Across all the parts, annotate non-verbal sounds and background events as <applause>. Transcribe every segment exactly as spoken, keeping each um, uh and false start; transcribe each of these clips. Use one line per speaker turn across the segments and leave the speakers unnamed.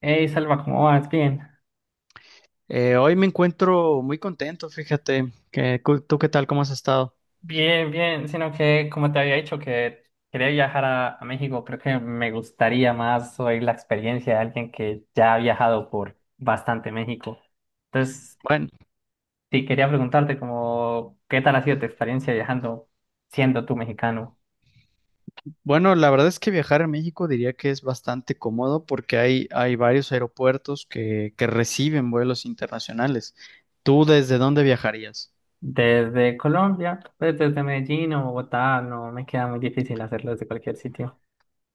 Hey, Salva, ¿cómo vas? Bien.
Eh, hoy me encuentro muy contento, fíjate. Que, cu- ¿tú qué tal? ¿Cómo has estado?
Bien, bien, sino que como te había dicho que quería viajar a, a México, creo que me gustaría más oír la experiencia de alguien que ya ha viajado por bastante México. Entonces,
Bueno,
sí, quería preguntarte como, ¿qué tal ha sido tu experiencia viajando siendo tú mexicano?
bueno, la verdad es que viajar a México diría que es bastante cómodo porque hay, hay varios aeropuertos que, que reciben vuelos internacionales. ¿Tú desde dónde viajarías?
Desde Colombia, pues desde Medellín o Bogotá, no me queda muy difícil hacerlo desde cualquier sitio.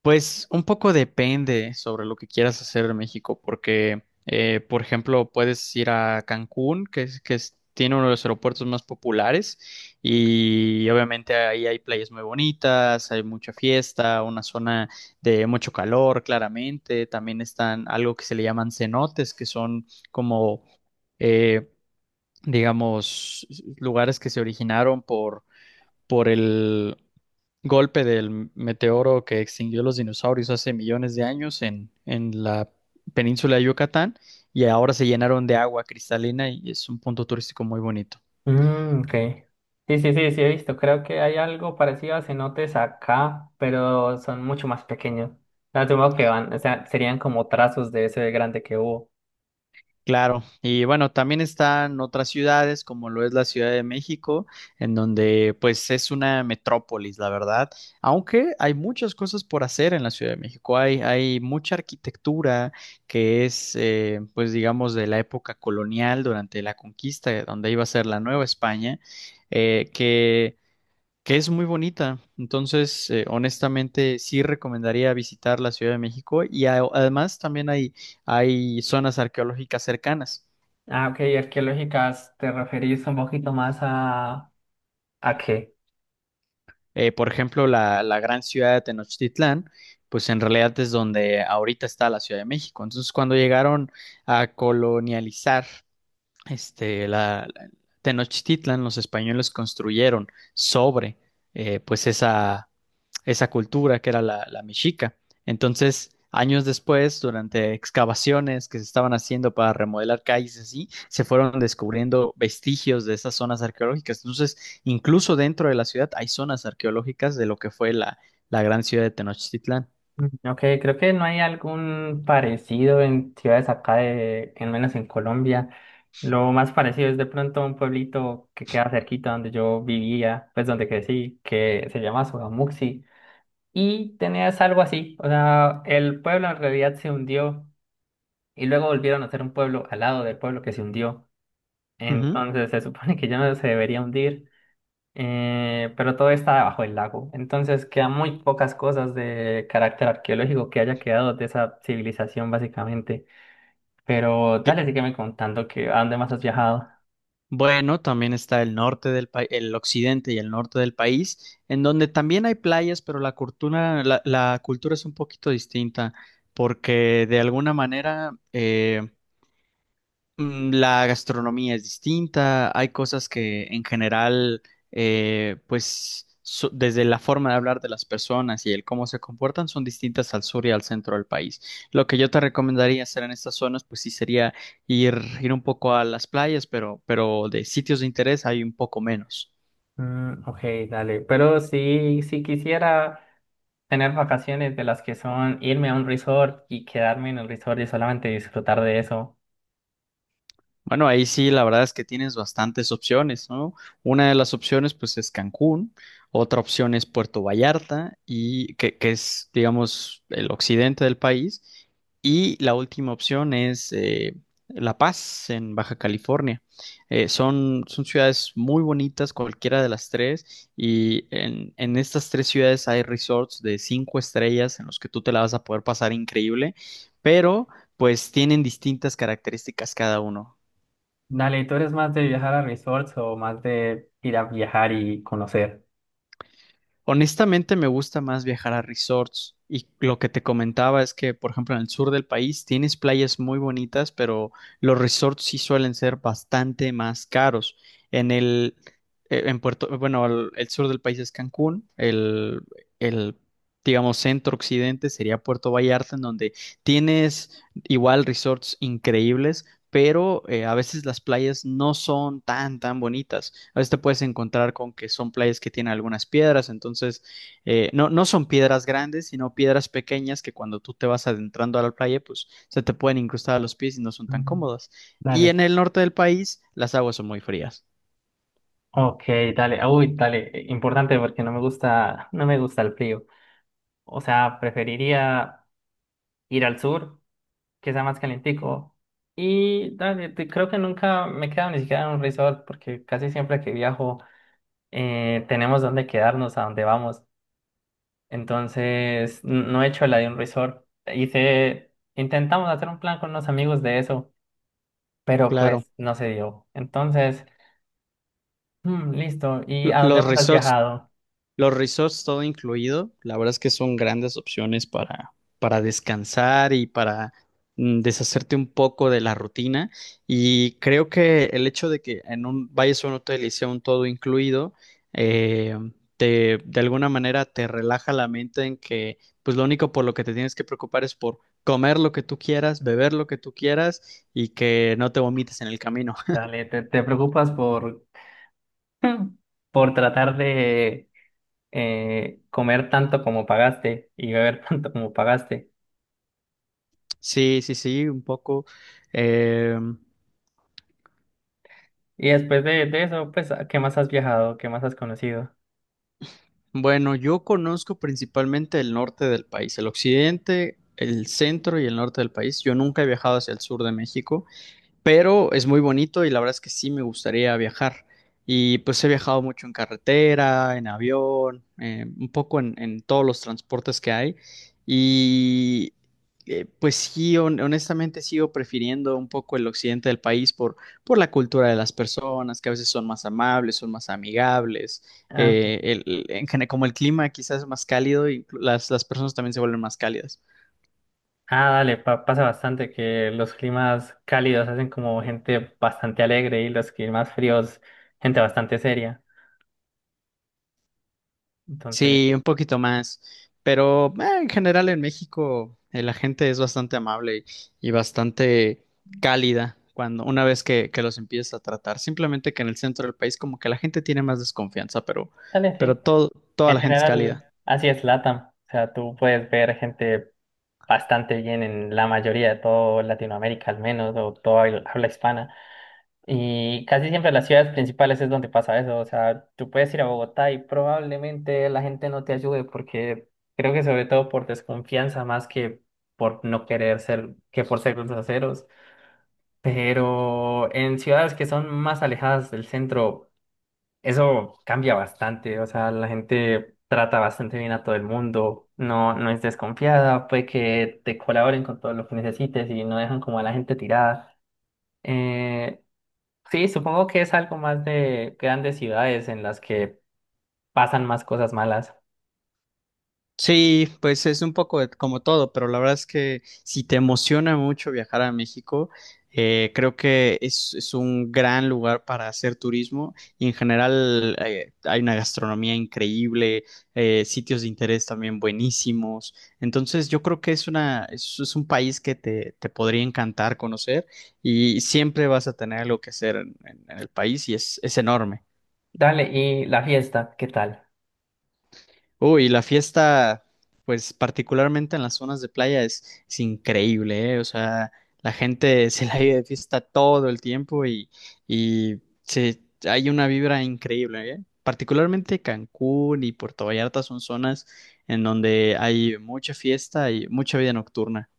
Pues un poco depende sobre lo que quieras hacer en México, porque, eh, por ejemplo, puedes ir a Cancún, que es, que es- tiene uno de los aeropuertos más populares, y obviamente ahí hay playas muy bonitas, hay mucha fiesta, una zona de mucho calor, claramente. También están algo que se le llaman cenotes, que son como, eh, digamos, lugares que se originaron por, por el golpe del meteoro que extinguió los dinosaurios hace millones de años en, en la península de Yucatán y ahora se llenaron de agua cristalina y es un punto turístico muy bonito.
Mm, ok. Sí, sí, sí, sí, he visto. Creo que hay algo parecido a cenotes acá, pero son mucho más pequeños. No, asumo que van, o sea, serían como trazos de ese grande que hubo.
Claro, y bueno, también están otras ciudades como lo es la Ciudad de México, en donde pues es una metrópolis, la verdad, aunque hay muchas cosas por hacer en la Ciudad de México, hay, hay mucha arquitectura que es eh, pues digamos de la época colonial durante la conquista, donde iba a ser la Nueva España, eh, que que es muy bonita. Entonces, eh, honestamente, sí recomendaría visitar la Ciudad de México y a- además también hay, hay zonas arqueológicas cercanas.
Ah, ok, y arqueológicas, ¿te referís un poquito más a... ¿a qué?
Eh, por ejemplo, la, la gran ciudad de Tenochtitlán, pues en realidad es donde ahorita está la Ciudad de México. Entonces, cuando llegaron a colonializar este, la, la- Tenochtitlan, los españoles construyeron sobre, eh, pues esa, esa cultura que era la, la mexica. Entonces, años después, durante excavaciones que se estaban haciendo para remodelar calles y así, se fueron descubriendo vestigios de esas zonas arqueológicas. Entonces, incluso dentro de la ciudad hay zonas arqueológicas de lo que fue la, la gran ciudad de Tenochtitlán.
Mm, ok, creo que no hay algún parecido en ciudades acá, de, en menos en Colombia. Lo más parecido es de pronto un pueblito que queda cerquita donde yo vivía, pues donde crecí, que se llama Sogamuxi. Y tenías algo así, o sea, el pueblo en realidad se hundió y luego volvieron a ser un pueblo al lado del pueblo que se hundió.
Ujú.
Entonces se supone que ya no se debería hundir, eh, pero todo está debajo del lago. Entonces quedan muy pocas cosas de carácter arqueológico que haya quedado de esa civilización básicamente. Pero dale, sígueme contando que a dónde más has viajado.
Bueno, también está el norte del país, el occidente y el norte del país, en donde también hay playas, pero la cultura, la, la cultura es un poquito distinta, porque de alguna manera eh, Mm, la gastronomía es distinta, hay cosas que en general, eh, pues so- desde la forma de hablar de las personas y el cómo se comportan son distintas al sur y al centro del país. Lo que yo te recomendaría hacer en estas zonas, pues sí sería ir, ir un poco a las playas, pero, pero de sitios de interés hay un poco menos.
Mm, ok, dale, pero sí, si quisiera... tener vacaciones de las que son irme a un resort y quedarme en el resort y solamente disfrutar de eso.
Bueno, ahí sí, la verdad es que tienes bastantes opciones, ¿no? Una de las opciones, pues, es Cancún, otra opción es Puerto Vallarta, y que, que es, digamos, el occidente del país, y la última opción es eh, La Paz, en Baja California. Eh, son, son ciudades muy bonitas, cualquiera de las tres, y en, en estas tres ciudades hay resorts de cinco estrellas en los que tú te la vas a poder pasar increíble, pero pues tienen distintas características cada uno.
Dale, ¿tú eres más de viajar a resorts o más de ir a viajar y conocer?
Honestamente me gusta más viajar a resorts y lo que te comentaba es que, por ejemplo, en el sur del país tienes playas muy bonitas, pero los resorts sí suelen ser bastante más caros. En el, eh, en Puerto, bueno, el, el sur del país es Cancún, el, el, digamos, centro occidente sería Puerto Vallarta, en donde tienes igual resorts increíbles, pero eh, a veces las playas no son tan, tan bonitas. A veces te puedes encontrar con que son playas que tienen algunas piedras, entonces eh, no, no son piedras grandes, sino piedras pequeñas que cuando tú te vas adentrando a la playa, pues se te pueden incrustar a los pies y no son tan
Mm.
cómodas. Y
Dale.
en el norte del país, las aguas son muy frías.
Ok, dale. Uy, dale. eh, Importante porque no me gusta, no me gusta el frío. O sea, preferiría ir al sur, que sea más calentico. Y dale, te- creo que nunca me he quedado ni siquiera en un resort porque casi siempre que viajo eh, tenemos donde quedarnos, a donde vamos. Entonces, n- no he hecho la de un resort. Hice, intentamos hacer un plan con unos amigos de eso, pero
Claro.
pues no se dio. Entonces, mm, listo. ¿Y
Lo-
a dónde
Los
más has
resorts
viajado?
Los resorts todo incluido, la verdad es que son grandes opciones para, para descansar y para mm, deshacerte un poco de la rutina. Y creo que el hecho de que en un vayas a un hotel y sea un todo incluido, eh, te, de alguna manera te relaja la mente en que pues lo único por lo que te tienes que preocupar es por comer lo que tú quieras, beber lo que tú quieras y que no te vomites en el camino. <laughs>
Dale, te, te preocupas por, <laughs> por tratar de eh, comer tanto como pagaste y beber <laughs> tanto como pagaste.
Sí, sí, sí, un poco. em,
Y después de, de eso, pues, ¿a ¿qué más has viajado? ¿Qué más has conocido?
Bueno, yo conozco principalmente el norte del país, el occidente, el centro y el norte del país. Yo nunca he viajado hacia el sur de México pero es muy bonito y la verdad es que sí me gustaría viajar. Y pues he viajado mucho en carretera, en avión, eh, un poco en, en todos los transportes que hay. Y eh, pues sí, hon- honestamente sigo prefiriendo un poco el occidente del país por, por la cultura de las personas, que a veces son más amables, son más amigables. Eh, el- el- en gene- como el clima quizás es más cálido y las, las personas también se vuelven más cálidas.
Ah, dale, pa- pasa bastante que los climas cálidos hacen como gente bastante alegre y los climas fríos, gente bastante seria. Entonces,
Sí, un poquito más, pero eh, en general en México eh, la gente es bastante amable y, y bastante cálida cuando una vez que, que los empiezas a tratar. Simplemente que en el centro del país como que la gente tiene más desconfianza, pero,
dale,
pero
sí.
todo, toda
En
la gente es
general,
cálida.
así es LATAM. O sea, tú puedes ver gente bastante bien en la mayoría de todo Latinoamérica, al menos, o toda habla hispana. Y casi siempre en las ciudades principales es donde pasa eso. O sea, tú puedes ir a Bogotá y probablemente la gente no te ayude porque creo que sobre todo por desconfianza más que por no querer ser, que por ser groseros. Pero en ciudades que son más alejadas del centro, eso cambia bastante. O sea, la gente trata bastante bien a todo el mundo. No, no es desconfiada. Puede que te colaboren con todo lo que necesites y no dejan como a la gente tirada. Eh, Sí, supongo que es algo más de grandes ciudades en las que pasan más cosas malas.
Sí, pues es un poco de- como todo, pero la verdad es que si te emociona mucho viajar a México, eh, creo que es, es un gran lugar para hacer turismo y en general eh, hay una gastronomía increíble, eh, sitios de interés también buenísimos. Entonces yo creo que es una, es, es un país que te, te podría encantar conocer y siempre vas a tener algo que hacer en, en- en el país y es, es enorme.
Dale, y la fiesta, ¿qué tal?
Uy, la fiesta, pues particularmente en las zonas de playa es, es increíble, ¿eh? O sea, la gente <laughs> se la vive de fiesta todo el tiempo y, y se, hay una vibra increíble, ¿eh? Particularmente Cancún y Puerto Vallarta son zonas en donde hay mucha fiesta y mucha vida nocturna.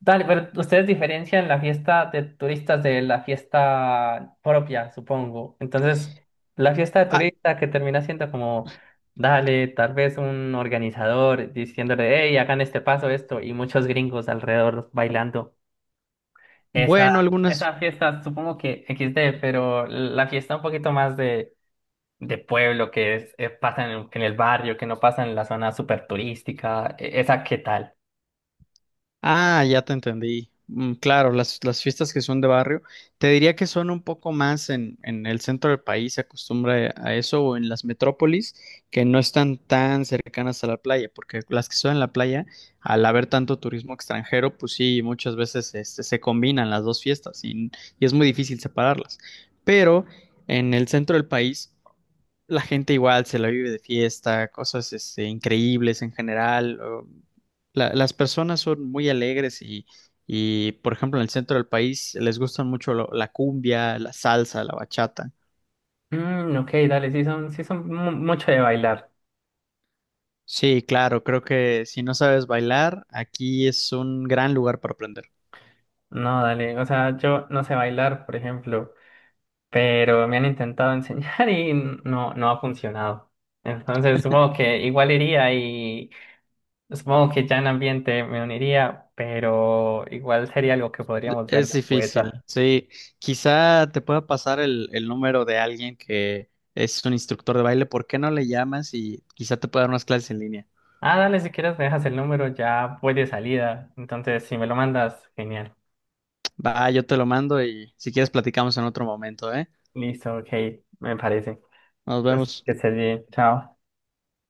Dale, pero ustedes diferencian la fiesta de turistas de la fiesta propia, supongo. Entonces, la fiesta de
Ah,
turista que termina siendo como, dale, tal vez un organizador diciéndole, hey, hagan este paso, esto, y muchos gringos alrededor bailando. Esa,
bueno, algunas.
esa fiesta, supongo que equis de, pero la fiesta un poquito más de de pueblo que es, eh, pasan en, el, en el barrio, que no pasan en la zona súper turística. e- ¿Esa qué tal?
Ah, ya te entendí. Mm, claro, las, las fiestas que son de barrio, te diría que son un poco más en, en el centro del país, se acostumbra a eso, o en las metrópolis, que no están tan cercanas a la playa, porque las que son en la playa, al haber tanto turismo extranjero, pues sí, muchas veces este, se combinan las dos fiestas y, y es muy difícil separarlas. Pero en el centro del país la gente igual se la vive de fiesta, cosas este, increíbles en general. O- la- las personas son muy alegres y, y, por ejemplo, en el centro del país les gustan mucho lo- la cumbia, la salsa, la bachata.
Mm, ok, dale, sí son, sí son mu- mucho de bailar.
Sí, claro, creo que si no sabes bailar, aquí es un gran lugar para aprender.
No, dale, o sea, yo no sé bailar, por ejemplo, pero me han intentado <laughs> enseñar y no, no ha funcionado. Entonces supongo que igual iría y supongo que ya en ambiente me uniría, pero igual sería algo que podríamos ver
Es
después.
difícil, sí. Quizá te pueda pasar el, el número de alguien que es un instructor de baile. ¿Por qué no le llamas y quizá te pueda dar unas clases en línea?
Ah, dale, si quieres me dejas el número, ya voy de salida. Entonces, si me lo mandas, genial.
Va, yo te lo mando y si quieres platicamos en otro momento, ¿eh?
Listo, ok, me parece.
Nos
Pues
vemos.
que estés bien, chao.